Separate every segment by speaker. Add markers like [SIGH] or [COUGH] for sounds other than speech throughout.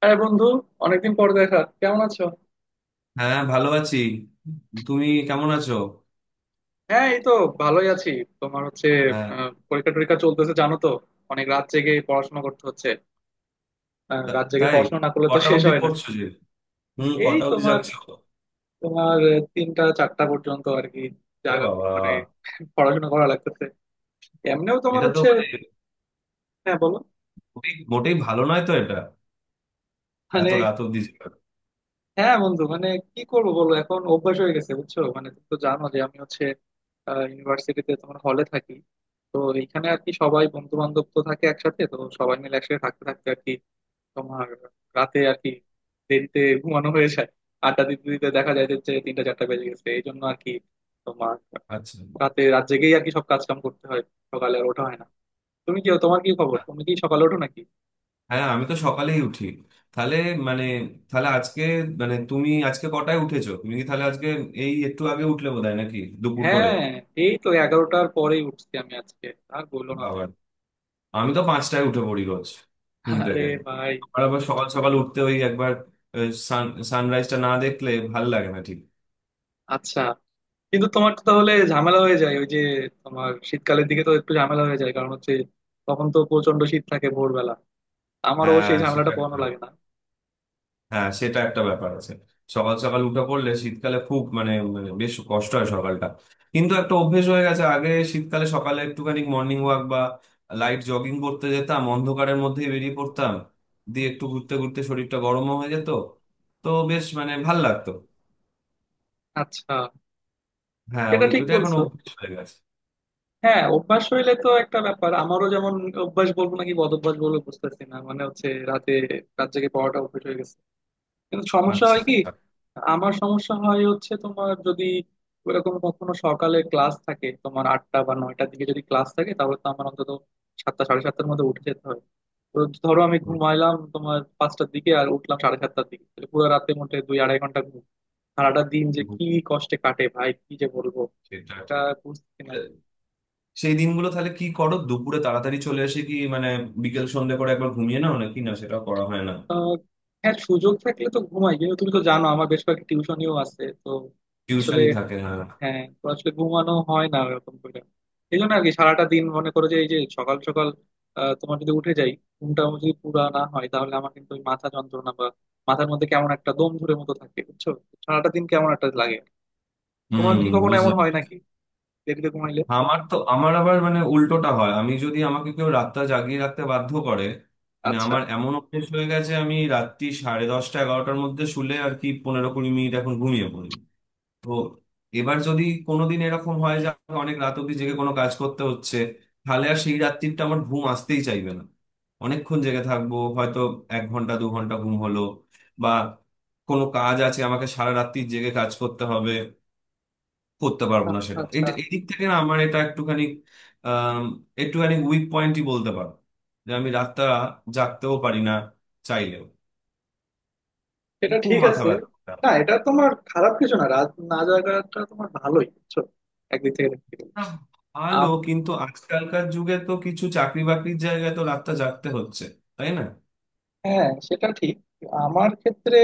Speaker 1: হ্যাঁ বন্ধু, অনেকদিন পর দেখা, কেমন আছো?
Speaker 2: হ্যাঁ, ভালো আছি। তুমি কেমন আছো?
Speaker 1: হ্যাঁ এই তো, ভালোই আছি। তোমার হচ্ছে?
Speaker 2: হ্যাঁ।
Speaker 1: পরীক্ষা টরীক্ষা চলতেছে জানো তো, অনেক রাত জেগে পড়াশোনা করতে হচ্ছে। রাত জেগে
Speaker 2: তাই?
Speaker 1: পড়াশোনা না করলে তো
Speaker 2: কটা
Speaker 1: শেষ
Speaker 2: অবধি
Speaker 1: হয় না।
Speaker 2: পড়ছো যে? হুম,
Speaker 1: এই
Speaker 2: কটা অবধি
Speaker 1: তোমার
Speaker 2: যাচ্ছ?
Speaker 1: তোমার আহ, তিনটা চারটা পর্যন্ত আর কি,
Speaker 2: ওরে বাবা!
Speaker 1: মানে পড়াশোনা করা লাগতেছে। এমনিও তোমার
Speaker 2: এটা তো
Speaker 1: হচ্ছে।
Speaker 2: মানে
Speaker 1: হ্যাঁ বলো,
Speaker 2: খুবই মোটেই ভালো নয় তো, এটা
Speaker 1: মানে
Speaker 2: এত রাত অবধি যাওয়া।
Speaker 1: হ্যাঁ বন্ধু মানে কি করবো বলো, এখন অভ্যাস হয়ে গেছে বুঝছো। মানে তুমি তো জানো যে আমি হচ্ছে ইউনিভার্সিটিতে তোমার হলে থাকি, তো এইখানে আর কি সবাই বন্ধু বান্ধব তো থাকে একসাথে, তো সবাই মিলে একসাথে থাকতে থাকতে আর কি তোমার রাতে আর কি দেরিতে ঘুমানো হয়ে যায়। আড্ডা দিতে দিতে দেখা যায় যে হচ্ছে তিনটা চারটা বেজে গেছে, এই জন্য আর কি তোমার
Speaker 2: আচ্ছা।
Speaker 1: রাতে রাত জেগেই আর কি সব কাজ কাম করতে হয়, সকালে আর ওঠা হয় না। তুমি কি, তোমার কি খবর, তুমি কি সকালে ওঠো নাকি?
Speaker 2: হ্যাঁ, আমি তো সকালেই উঠি। তাহলে মানে তাহলে আজকে, মানে তুমি আজকে কটায় উঠেছো? তুমি কি তাহলে আজকে এই একটু আগে উঠলে, বোধহয় নাকি দুপুর করে?
Speaker 1: হ্যাঁ এই তো এগারোটার পরেই উঠছি আমি আজকে। আর বললো না।
Speaker 2: বাবা, আমি তো 5টায় উঠে পড়ি রোজ ঘুম
Speaker 1: আরে
Speaker 2: থেকে।
Speaker 1: ভাই!
Speaker 2: আর আবার সকাল সকাল উঠতে, ওই একবার সান সানরাইজটা না দেখলে ভাল লাগে না ঠিক।
Speaker 1: আচ্ছা, কিন্তু তোমার তো তাহলে ঝামেলা হয়ে যায় ওই যে, তোমার শীতকালের দিকে তো একটু ঝামেলা হয়ে যায়, কারণ হচ্ছে তখন তো প্রচন্ড শীত থাকে ভোরবেলা। আমারও
Speaker 2: হ্যাঁ,
Speaker 1: সেই ঝামেলাটা পোহানো লাগে না।
Speaker 2: হ্যাঁ সেটা একটা ব্যাপার আছে। সকাল সকাল উঠে পড়লে শীতকালে খুব মানে মানে বেশ কষ্ট হয় সকালটা। কিন্তু একটা অভ্যেস হয়ে গেছে, আগে শীতকালে সকালে একটুখানি মর্নিং ওয়াক বা লাইট জগিং করতে যেতাম, অন্ধকারের মধ্যেই বেরিয়ে পড়তাম। দিয়ে একটু ঘুরতে ঘুরতে শরীরটা গরমও হয়ে যেত। তো বেশ মানে ভাল লাগতো।
Speaker 1: আচ্ছা,
Speaker 2: হ্যাঁ,
Speaker 1: সেটা
Speaker 2: ওই
Speaker 1: ঠিক
Speaker 2: ওটা এখন
Speaker 1: বলছো।
Speaker 2: অভ্যেস হয়ে গেছে।
Speaker 1: হ্যাঁ, অভ্যাস হইলে তো একটা ব্যাপার, আমারও যেমন অভ্যাস বলবো নাকি বদ অভ্যাস বলবো বুঝতেছি না, মানে হচ্ছে রাতে রাত জেগে পড়াটা অভ্যাস হয়ে গেছে। কিন্তু সমস্যা
Speaker 2: আচ্ছা।
Speaker 1: হয় কি, আমার সমস্যা হয় হচ্ছে তোমার যদি ওইরকম কখনো সকালে ক্লাস থাকে, তোমার আটটা বা নয়টার দিকে যদি ক্লাস থাকে তাহলে তো আমার অন্তত সাতটা সাড়ে সাতটার মধ্যে উঠে যেতে হয়। তো ধরো আমি ঘুমাইলাম তোমার পাঁচটার দিকে আর উঠলাম সাড়ে সাতটার দিকে, তাহলে পুরো রাতে মোটে দুই আড়াই ঘন্টা ঘুম। সারাটা দিন যে কি কষ্টে কাটে ভাই, কি যে বলবো!
Speaker 2: সেটা
Speaker 1: এটা
Speaker 2: ঠিক।
Speaker 1: বুঝতে না আরকি।
Speaker 2: সেই দিনগুলো তাহলে কি করো? দুপুরে তাড়াতাড়ি চলে এসে কি মানে বিকেল সন্ধ্যে করে একবার ঘুমিয়ে নাও নাকি? না, সেটাও করা হয় না?
Speaker 1: আহ, হ্যাঁ সুযোগ থাকলে তো ঘুমাই, কিন্তু তুমি তো জানো আমার বেশ কয়েকটা টিউশনিও আছে তো। আসলে,
Speaker 2: টিউশনই থাকে, হ্যাঁ।
Speaker 1: হ্যাঁ তো আসলে ঘুমানো হয় না ওরকম করে। এই জন্য আর কি সারাটা দিন, মনে করো যে এই যে সকাল সকাল তোমার যদি উঠে যাই, ঘুমটা যদি পুরা না হয় তাহলে আমার কিন্তু ওই মাথা যন্ত্রণা বা মাথার মধ্যে কেমন একটা দম ধরে মতো থাকে বুঝছো, সারাটা দিন কেমন একটা লাগে। তোমার
Speaker 2: হুম।
Speaker 1: কি কখনো এমন
Speaker 2: বুঝলাম।
Speaker 1: হয় নাকি, দেরিতে ঘুমাইলে?
Speaker 2: আমার আবার মানে উল্টোটা হয়। আমি যদি আমাকে কেউ রাতটা জাগিয়ে রাখতে বাধ্য করে, মানে
Speaker 1: আচ্ছা
Speaker 2: আমার এমন অভ্যেস হয়ে গেছে, আমি রাত্রি সাড়ে 10টা 11টার মধ্যে শুলে আর কি 15 20 মিনিট এখন ঘুমিয়ে পড়ি। তো এবার যদি কোনোদিন এরকম হয় যে আমাকে অনেক রাত অব্দি জেগে কোনো কাজ করতে হচ্ছে, তাহলে আর সেই রাত্রিটা আমার ঘুম আসতেই চাইবে না। অনেকক্ষণ জেগে থাকবো হয়তো। এক ঘন্টা দু ঘন্টা ঘুম হলো। বা কোনো কাজ আছে, আমাকে সারা রাত্রি জেগে কাজ করতে হবে, করতে পারবো না
Speaker 1: আচ্ছা
Speaker 2: সেটা।
Speaker 1: আচ্ছা।
Speaker 2: এটা এদিক থেকে না, আমার এটা একটুখানি আহ একটুখানি উইক পয়েন্টই বলতে পারো, যে আমি রাতটা জাগতেও পারি না চাইলেও। এ
Speaker 1: এটা
Speaker 2: খুব
Speaker 1: ঠিক
Speaker 2: মাথা
Speaker 1: আছে,
Speaker 2: ব্যথা।
Speaker 1: না এটা তোমার খারাপ কিছু না, রাত না জাগাটা তোমার ভালোই বুঝছো, একদিক থেকে দেখতে গেলে।
Speaker 2: না, ভালো, কিন্তু আজকালকার যুগে তো কিছু চাকরি বাকরির জায়গায় তো রাতটা জাগতে হচ্ছে, তাই না?
Speaker 1: হ্যাঁ সেটা ঠিক। আমার ক্ষেত্রে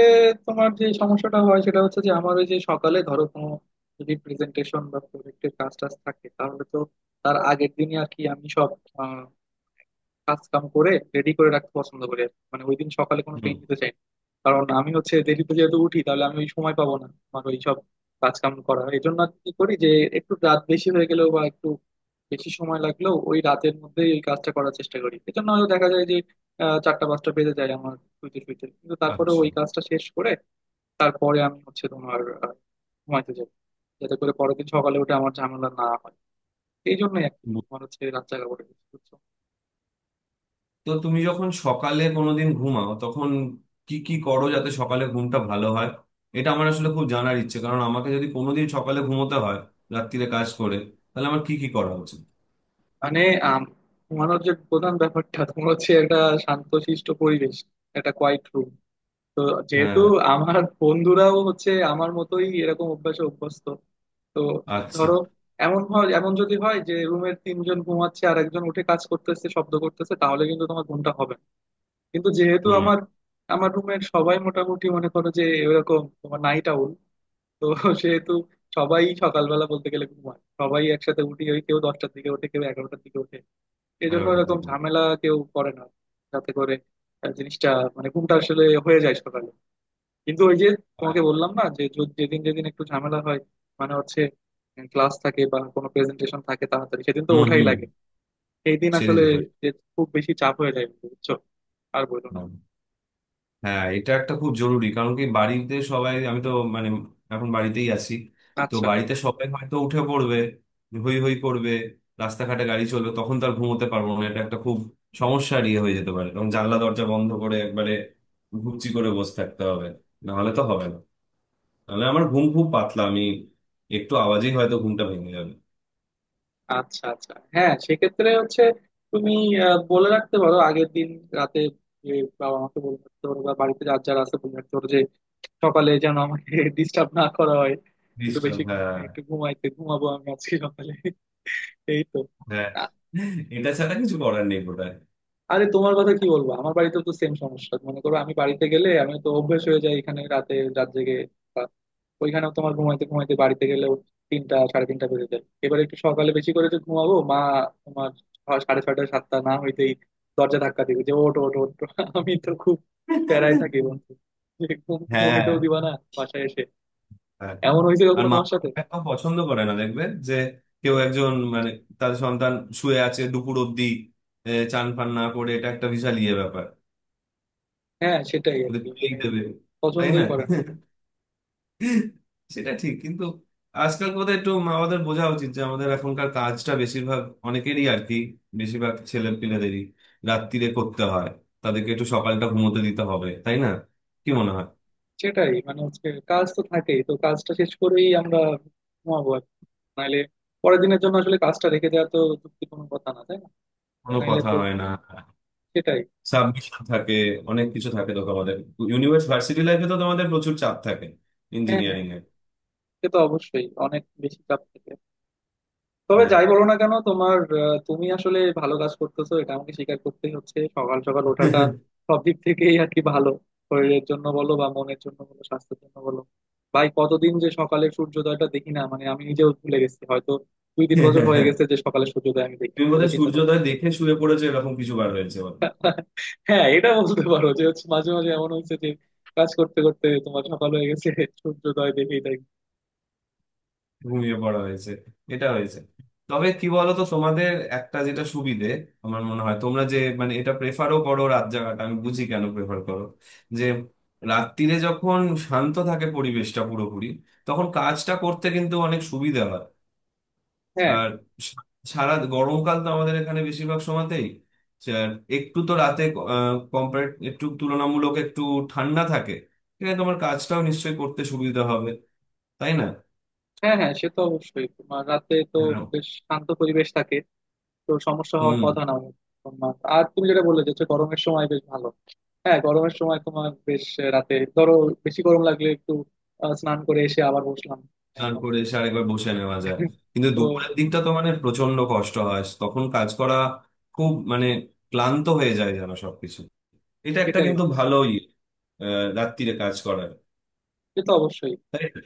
Speaker 1: তোমার যে সমস্যাটা হয় সেটা হচ্ছে যে আমার ওই যে সকালে ধরো কোনো যদি প্রেজেন্টেশন বা প্রজেক্টের কাজ টাজ থাকে তাহলে তো তার আগের দিনই আর কি আমি সব আহ, কাজ কাম করে রেডি করে রাখতে পছন্দ করি আর কি। মানে ওই দিন সকালে কোনো
Speaker 2: হুম।
Speaker 1: পেন নিতে চাই না, কারণ আমি হচ্ছে দেরিতে যেহেতু উঠি তাহলে আমি ওই সময় পাবো না আমার ওই সব কাজ কাম করা। এই জন্য আর কি করি যে একটু রাত বেশি হয়ে গেলেও বা একটু বেশি সময় লাগলেও ওই রাতের মধ্যেই ওই কাজটা করার চেষ্টা করি, এজন্য হয়তো দেখা যায় চারটা পাঁচটা বেজে যায় আমার শুইতে শুইতে, কিন্তু তারপরে
Speaker 2: আচ্ছা।
Speaker 1: ওই কাজটা শেষ করে তারপরে আমি হচ্ছে তোমার ঘুমাইতে যাই, যাতে করে পরের দিন সকালে উঠে আমার ঝামেলা না হয়। এই জন্যই আর কি
Speaker 2: বু-
Speaker 1: তোমার হচ্ছে রাত জাগা পড়ে গেছে, বুঝছো।
Speaker 2: তো তুমি যখন সকালে কোনোদিন ঘুমাও তখন কি কি করো যাতে সকালে ঘুমটা ভালো হয়? এটা আমার আসলে খুব জানার ইচ্ছে, কারণ আমাকে যদি কোনোদিন সকালে ঘুমোতে হয় রাত্তিরে কাজ করে, তাহলে আমার কি কি করা উচিত?
Speaker 1: মানে আম, ঘুমানোর যে প্রধান ব্যাপারটা তোমার হচ্ছে একটা শান্তশিষ্ট পরিবেশ, একটা কোয়াইট রুম। তো যেহেতু
Speaker 2: হ্যাঁ।
Speaker 1: আমার বন্ধুরাও হচ্ছে আমার মতোই এরকম অভ্যাসে অভ্যস্ত, তো
Speaker 2: আচ্ছা।
Speaker 1: ধরো এমন হয়, এমন যদি হয় যে রুমের তিনজন ঘুমাচ্ছে আর একজন উঠে কাজ করতেছে শব্দ করতেছে তাহলে কিন্তু তোমার ঘুমটা হবে না। কিন্তু যেহেতু
Speaker 2: হুম।
Speaker 1: আমার আমার রুমের সবাই মোটামুটি মনে করো যে এরকম তোমার নাইট আউল, তো সেহেতু সবাই সকালবেলা বলতে গেলে ঘুমায়, সবাই একসাথে উঠি, ওই কেউ দশটার দিকে ওঠে, কেউ এগারোটার দিকে ওঠে, এই জন্য
Speaker 2: এগারোটার
Speaker 1: এরকম
Speaker 2: দিকে
Speaker 1: ঝামেলা কেউ করে না। যাতে করে জিনিসটা, মানে ঘুমটা আসলে হয়ে যায় সকালে। কিন্তু ওই যে তোমাকে বললাম না যে যেদিন যেদিন একটু ঝামেলা হয়, মানে হচ্ছে ক্লাস থাকে বা কোনো প্রেজেন্টেশন থাকে তাড়াতাড়ি, সেদিন তো
Speaker 2: হুম,
Speaker 1: ওঠাই
Speaker 2: হুম।
Speaker 1: লাগে। সেই দিন আসলে
Speaker 2: সেদিন।
Speaker 1: যে খুব বেশি চাপ হয়ে যায় বুঝছো। আর বললো না।
Speaker 2: হয়। হ্যাঁ, এটা একটা খুব জরুরি। কারণ কি, বাড়িতে সবাই, আমি তো মানে এখন বাড়িতেই আছি। তো
Speaker 1: আচ্ছা
Speaker 2: বাড়িতে সবাই হয়তো উঠে পড়বে, হই হই করবে, রাস্তাঘাটে গাড়ি চলবে, তখন তার ঘুমোতে পারবো না। এটা একটা খুব সমস্যার ইয়ে হয়ে যেতে পারে। কারণ জানলা দরজা বন্ধ করে একবারে ঘুপচি করে বসে থাকতে হবে, না হলে তো হবে না। নাহলে আমার ঘুম খুব পাতলা, আমি একটু আওয়াজেই হয়তো ঘুমটা ভেঙে যাবে।
Speaker 1: আচ্ছা আচ্ছা, হ্যাঁ সেক্ষেত্রে হচ্ছে তুমি বলে রাখতে পারো আগের দিন রাতে, যে বাবা মাকে বলে রাখতে পারো বা বাড়িতে যার যারা আছে বলে রাখতে পারো যে সকালে যেন আমাকে [LAUGHS] ডিস্টার্ব না করা হয়, একটু
Speaker 2: ডিস্টার্ব,
Speaker 1: বেশি
Speaker 2: হ্যাঁ।
Speaker 1: একটু ঘুমাইতে ঘুমাবো আমি আজকে সকালে [LAUGHS] এই তো।
Speaker 2: হ্যাঁ,
Speaker 1: আ-
Speaker 2: এটা ছাড়া কিছু করার নেই বোধহয়।
Speaker 1: আরে তোমার কথা কি বলবো, আমার বাড়িতে তো সেম সমস্যা! মনে করো আমি বাড়িতে গেলে, আমি তো অভ্যেস হয়ে যাই এখানে রাতে রাত জেগে, ওইখানেও তোমার ঘুমাইতে ঘুমাইতে বাড়িতে গেলেও তিনটা সাড়ে তিনটা বেজে যায়। এবার একটু সকালে বেশি করে যে ঘুমাবো, মা তোমার সাড়ে ছয়টা সাতটা না হইতেই দরজা ধাক্কা দিবে যে ওঠো ওঠো ওঠো। [LAUGHS] আমি তো খুব প্যারায় থাকি বন্ধু, যে ঘুম
Speaker 2: হ্যাঁ, হ্যাঁ।
Speaker 1: ঘুমাইতেও দিবা না বাসায় এসে?
Speaker 2: হ্যাঁ।
Speaker 1: এমন হয়েছে
Speaker 2: আর
Speaker 1: কখনো
Speaker 2: মা
Speaker 1: তোমার সাথে?
Speaker 2: বাবা এটাও পছন্দ করে না, দেখবে যে কেউ একজন মানে তার সন্তান শুয়ে আছে দুপুর অব্দি, চান ফান না করে, এটা একটা বিশাল ইয়ে ব্যাপার।
Speaker 1: হ্যাঁ সেটাই আর
Speaker 2: ওদের
Speaker 1: কি, মানে
Speaker 2: খেয়েই দেবে, তাই
Speaker 1: পছন্দই
Speaker 2: না?
Speaker 1: করে না এটা।
Speaker 2: সেটা ঠিক, কিন্তু আজকাল বোধহয় একটু মা বাবাদের বোঝা উচিত যে আমাদের এখনকার কাজটা বেশিরভাগ, অনেকেরই আর কি, বেশিরভাগ ছেলে পিলেদেরই রাত্তিরে করতে হয়। তাদেরকে একটু সকালটা ঘুমোতে দিতে হবে, তাই না? কি মনে হয়?
Speaker 1: সেটাই, মানে হচ্ছে কাজ তো থাকেই, তো কাজটা শেষ করেই আমরা ঘুমাবো আর কি। নাইলে পরের দিনের জন্য আসলে কাজটা রেখে দেওয়া তো যুক্তি কোনো কথা না তাই না।
Speaker 2: কোনো
Speaker 1: নাইলে
Speaker 2: কথা
Speaker 1: তো
Speaker 2: হয় না।
Speaker 1: সেটাই।
Speaker 2: সাবমিশন থাকে, অনেক কিছু থাকে তো তোমাদের। ভার্সিটি লাইফে তো তোমাদের প্রচুর চাপ থাকে,
Speaker 1: হ্যাঁ হ্যাঁ,
Speaker 2: ইঞ্জিনিয়ারিং এ।
Speaker 1: সে তো অবশ্যই অনেক বেশি চাপ থাকে। তবে
Speaker 2: হ্যাঁ।
Speaker 1: যাই বলো না কেন তোমার তুমি আসলে ভালো কাজ করতেছো, এটা আমাকে স্বীকার করতেই হচ্ছে, সকাল সকাল ওঠাটা সব দিক থেকেই আর কি ভালো, শরীরের জন্য বলো বা মনের জন্য বলো, স্বাস্থ্যের জন্য বলো। ভাই কতদিন যে সকালে সূর্যোদয়টা দেখি না, মানে আমি নিজেও ভুলে গেছি হয়তো, দুই তিন বছর হয়ে গেছে যে সকালে সূর্যোদয় আমি দেখি না,
Speaker 2: তুমি
Speaker 1: তাহলে
Speaker 2: বোধহয়
Speaker 1: চিন্তা করো।
Speaker 2: সূর্যোদয় দেখে শুয়ে পড়েছো, এরকম কিছু বার হয়েছে বলো।
Speaker 1: [LAUGHS] হ্যাঁ এটা বলতে পারো যে হচ্ছে মাঝে মাঝে এমন হয়েছে যে কাজ করতে করতে তোমার সকাল হয়ে গেছে, সূর্যোদয় দেখেই দেখি।
Speaker 2: ঘুমিয়ে পড়া হয়েছে, এটা হয়েছে। তবে কি বলতো, তোমাদের একটা যেটা সুবিধে, আমার মনে হয় তোমরা যে মানে এটা প্রেফারও করো রাত জাগাটা, আমি বুঝি কেন প্রেফার করো। যে রাত্তিরে যখন শান্ত থাকে পরিবেশটা পুরোপুরি, তখন কাজটা করতে কিন্তু অনেক সুবিধা হয়। আর সা- সারা গরমকাল তো আমাদের এখানে বেশিরভাগ সময়তেই যা- একটু তো রাতে কম্পারেট একটু তুলনামূলক একটু ঠান্ডা থাকে। এখানে তোমার কাজটাও নিশ্চয়ই করতে সুবিধা হবে, তাই না?
Speaker 1: হ্যাঁ হ্যাঁ, সে তো অবশ্যই তোমার রাতে তো
Speaker 2: হ্যাঁ।
Speaker 1: বেশ শান্ত পরিবেশ থাকে, তো সমস্যা হওয়ার
Speaker 2: হুম।
Speaker 1: কথা না তোমার। আর তুমি যেটা বললে যে হচ্ছে গরমের সময় বেশ ভালো, হ্যাঁ গরমের সময় তোমার বেশ, রাতে ধরো বেশি গরম লাগলে একটু স্নান করে এসে আবার বসলাম। আহ,
Speaker 2: স্নান
Speaker 1: তোমার
Speaker 2: করে এসে আরেকবার বসে নেওয়া যায়। কিন্তু
Speaker 1: তো
Speaker 2: দুপুরের দিকটা তো মানে প্রচন্ড কষ্ট হয় তখন কাজ করা। খুব মানে ক্লান্ত হয়ে যায় যেন সবকিছু। এটা একটা
Speaker 1: এটাই
Speaker 2: কিন্তু
Speaker 1: হয়।
Speaker 2: ভালোই আহ রাত্তিরে কাজ করার,
Speaker 1: সে তো অবশ্যই,
Speaker 2: তাই না?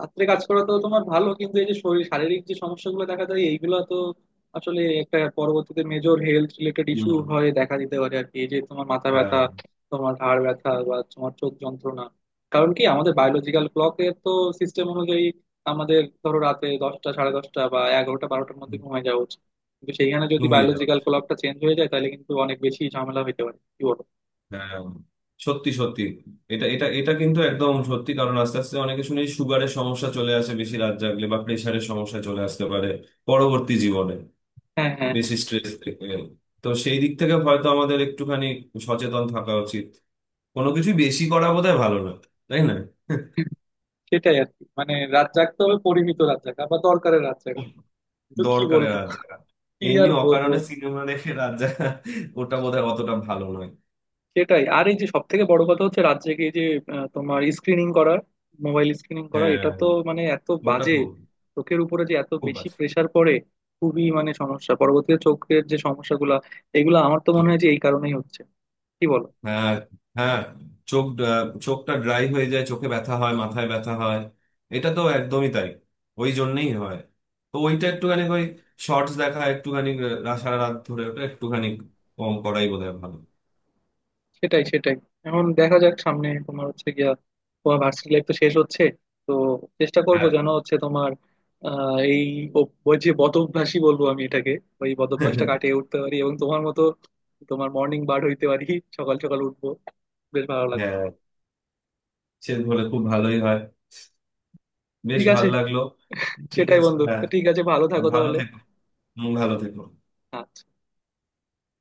Speaker 1: রাত্রে কাজ করা তো তোমার ভালো, কিন্তু এই যে শরীর শারীরিক যে সমস্যাগুলো দেখা যায় এইগুলো তো আসলে একটা পরবর্তীতে মেজর হেলথ রিলেটেড ইস্যু
Speaker 2: হুম।
Speaker 1: হয়ে দেখা দিতে পারে আর কি, এই যে তোমার মাথা
Speaker 2: হ্যাঁ।
Speaker 1: ব্যথা, তোমার ঘাড় ব্যথা বা তোমার চোখ যন্ত্রণা। কারণ কি আমাদের বায়োলজিক্যাল ক্লকের তো সিস্টেম অনুযায়ী আমাদের ধরো রাতে দশটা সাড়ে দশটা বা এগারোটা বারোটার মধ্যে ঘুমায় যাওয়া উচিত, কিন্তু সেইখানে যদি
Speaker 2: ঘুমিয়ে যাওয়া।
Speaker 1: বায়োলজিক্যাল ক্লকটা চেঞ্জ হয়ে যায় তাহলে কিন্তু অনেক বেশি ঝামেলা হইতে পারে, কি বলো?
Speaker 2: হ্যাঁ, সত্যি সত্যি। এটা এটা এটা কিন্তু একদম সত্যি। কারণ আস্তে আস্তে অনেকে শুনি সুগারের সমস্যা চলে আসে বেশি রাত জাগলে, বা প্রেশারের সমস্যা চলে আসতে পারে পরবর্তী জীবনে,
Speaker 1: হ্যাঁ হ্যাঁ
Speaker 2: বেশি
Speaker 1: হ্যাঁ।
Speaker 2: স্ট্রেস থেকে। তো সেই দিক থেকে হয়তো আমাদের একটুখানি সচেতন থাকা উচিত। কোনো কিছু বেশি করা বোধহয় ভালো না, তাই না?
Speaker 1: সেটাই আর কি, মানে রাত জাগতে হবে পরিমিত রাত জাগা বা দরকারের রাত জাগা, তো কি
Speaker 2: দরকারে
Speaker 1: বলবো,
Speaker 2: রাত জাগা,
Speaker 1: কি
Speaker 2: এমনি
Speaker 1: আর বলবো।
Speaker 2: অকারণে সিনেমা দেখে রাত জাগা, ওটা বোধহয় অতটা ভালো নয়।
Speaker 1: সেটাই, আর এই যে সব থেকে বড় কথা হচ্ছে রাত জেগে এই যে তোমার স্ক্রিনিং করা, মোবাইল স্ক্রিনিং করা,
Speaker 2: হ্যাঁ,
Speaker 1: এটা তো মানে এত
Speaker 2: ওটা
Speaker 1: বাজে!
Speaker 2: খুব,
Speaker 1: চোখের উপরে যে এত
Speaker 2: খুব
Speaker 1: বেশি
Speaker 2: বাজে।
Speaker 1: প্রেসার পড়ে, খুবই মানে সমস্যা পরবর্তীতে, চোখের যে সমস্যাগুলা এগুলো আমার তো মনে হয় যে এই কারণেই হচ্ছে, কি বলো।
Speaker 2: হ্যাঁ, হ্যাঁ। চোখ, চোখটা ড্রাই হয়ে যায়, চোখে ব্যথা হয়, মাথায় ব্যথা হয়, এটা তো একদমই তাই। ওই জন্যই হয়। তো ওইটা একটুখানি ওই শর্টস দেখা একটুখানি, সারা রাত ধরে ওটা একটুখানি কম করাই বোধহয় ভালো।
Speaker 1: সেটাই সেটাই। এখন দেখা যাক সামনে তোমার হচ্ছে গিয়া, তোমার ভার্সিটি লাইফ তো শেষ হচ্ছে, তো চেষ্টা করব
Speaker 2: হ্যাঁ।
Speaker 1: যেন হচ্ছে তোমার এই ওই যে বদ অভ্যাসই বলবো আমি এটাকে, ওই বদ অভ্যাসটা কাটিয়ে
Speaker 2: [LAUGHS]
Speaker 1: উঠতে পারি এবং তোমার মতো তোমার মর্নিং বার্ড হইতে পারি, সকাল সকাল উঠবো, বেশ ভালো লাগবে।
Speaker 2: হ্যাঁ, সে বলে খুব ভালোই হয়। বেশ
Speaker 1: ঠিক আছে,
Speaker 2: ভালো লাগলো। ঠিক
Speaker 1: সেটাই
Speaker 2: আছে,
Speaker 1: বন্ধু,
Speaker 2: হ্যাঁ।
Speaker 1: তো ঠিক আছে, ভালো
Speaker 2: হ্যাঁ,
Speaker 1: থাকো
Speaker 2: ভালো
Speaker 1: তাহলে।
Speaker 2: থেকো। হুম, ভালো থেকো।
Speaker 1: আচ্ছা।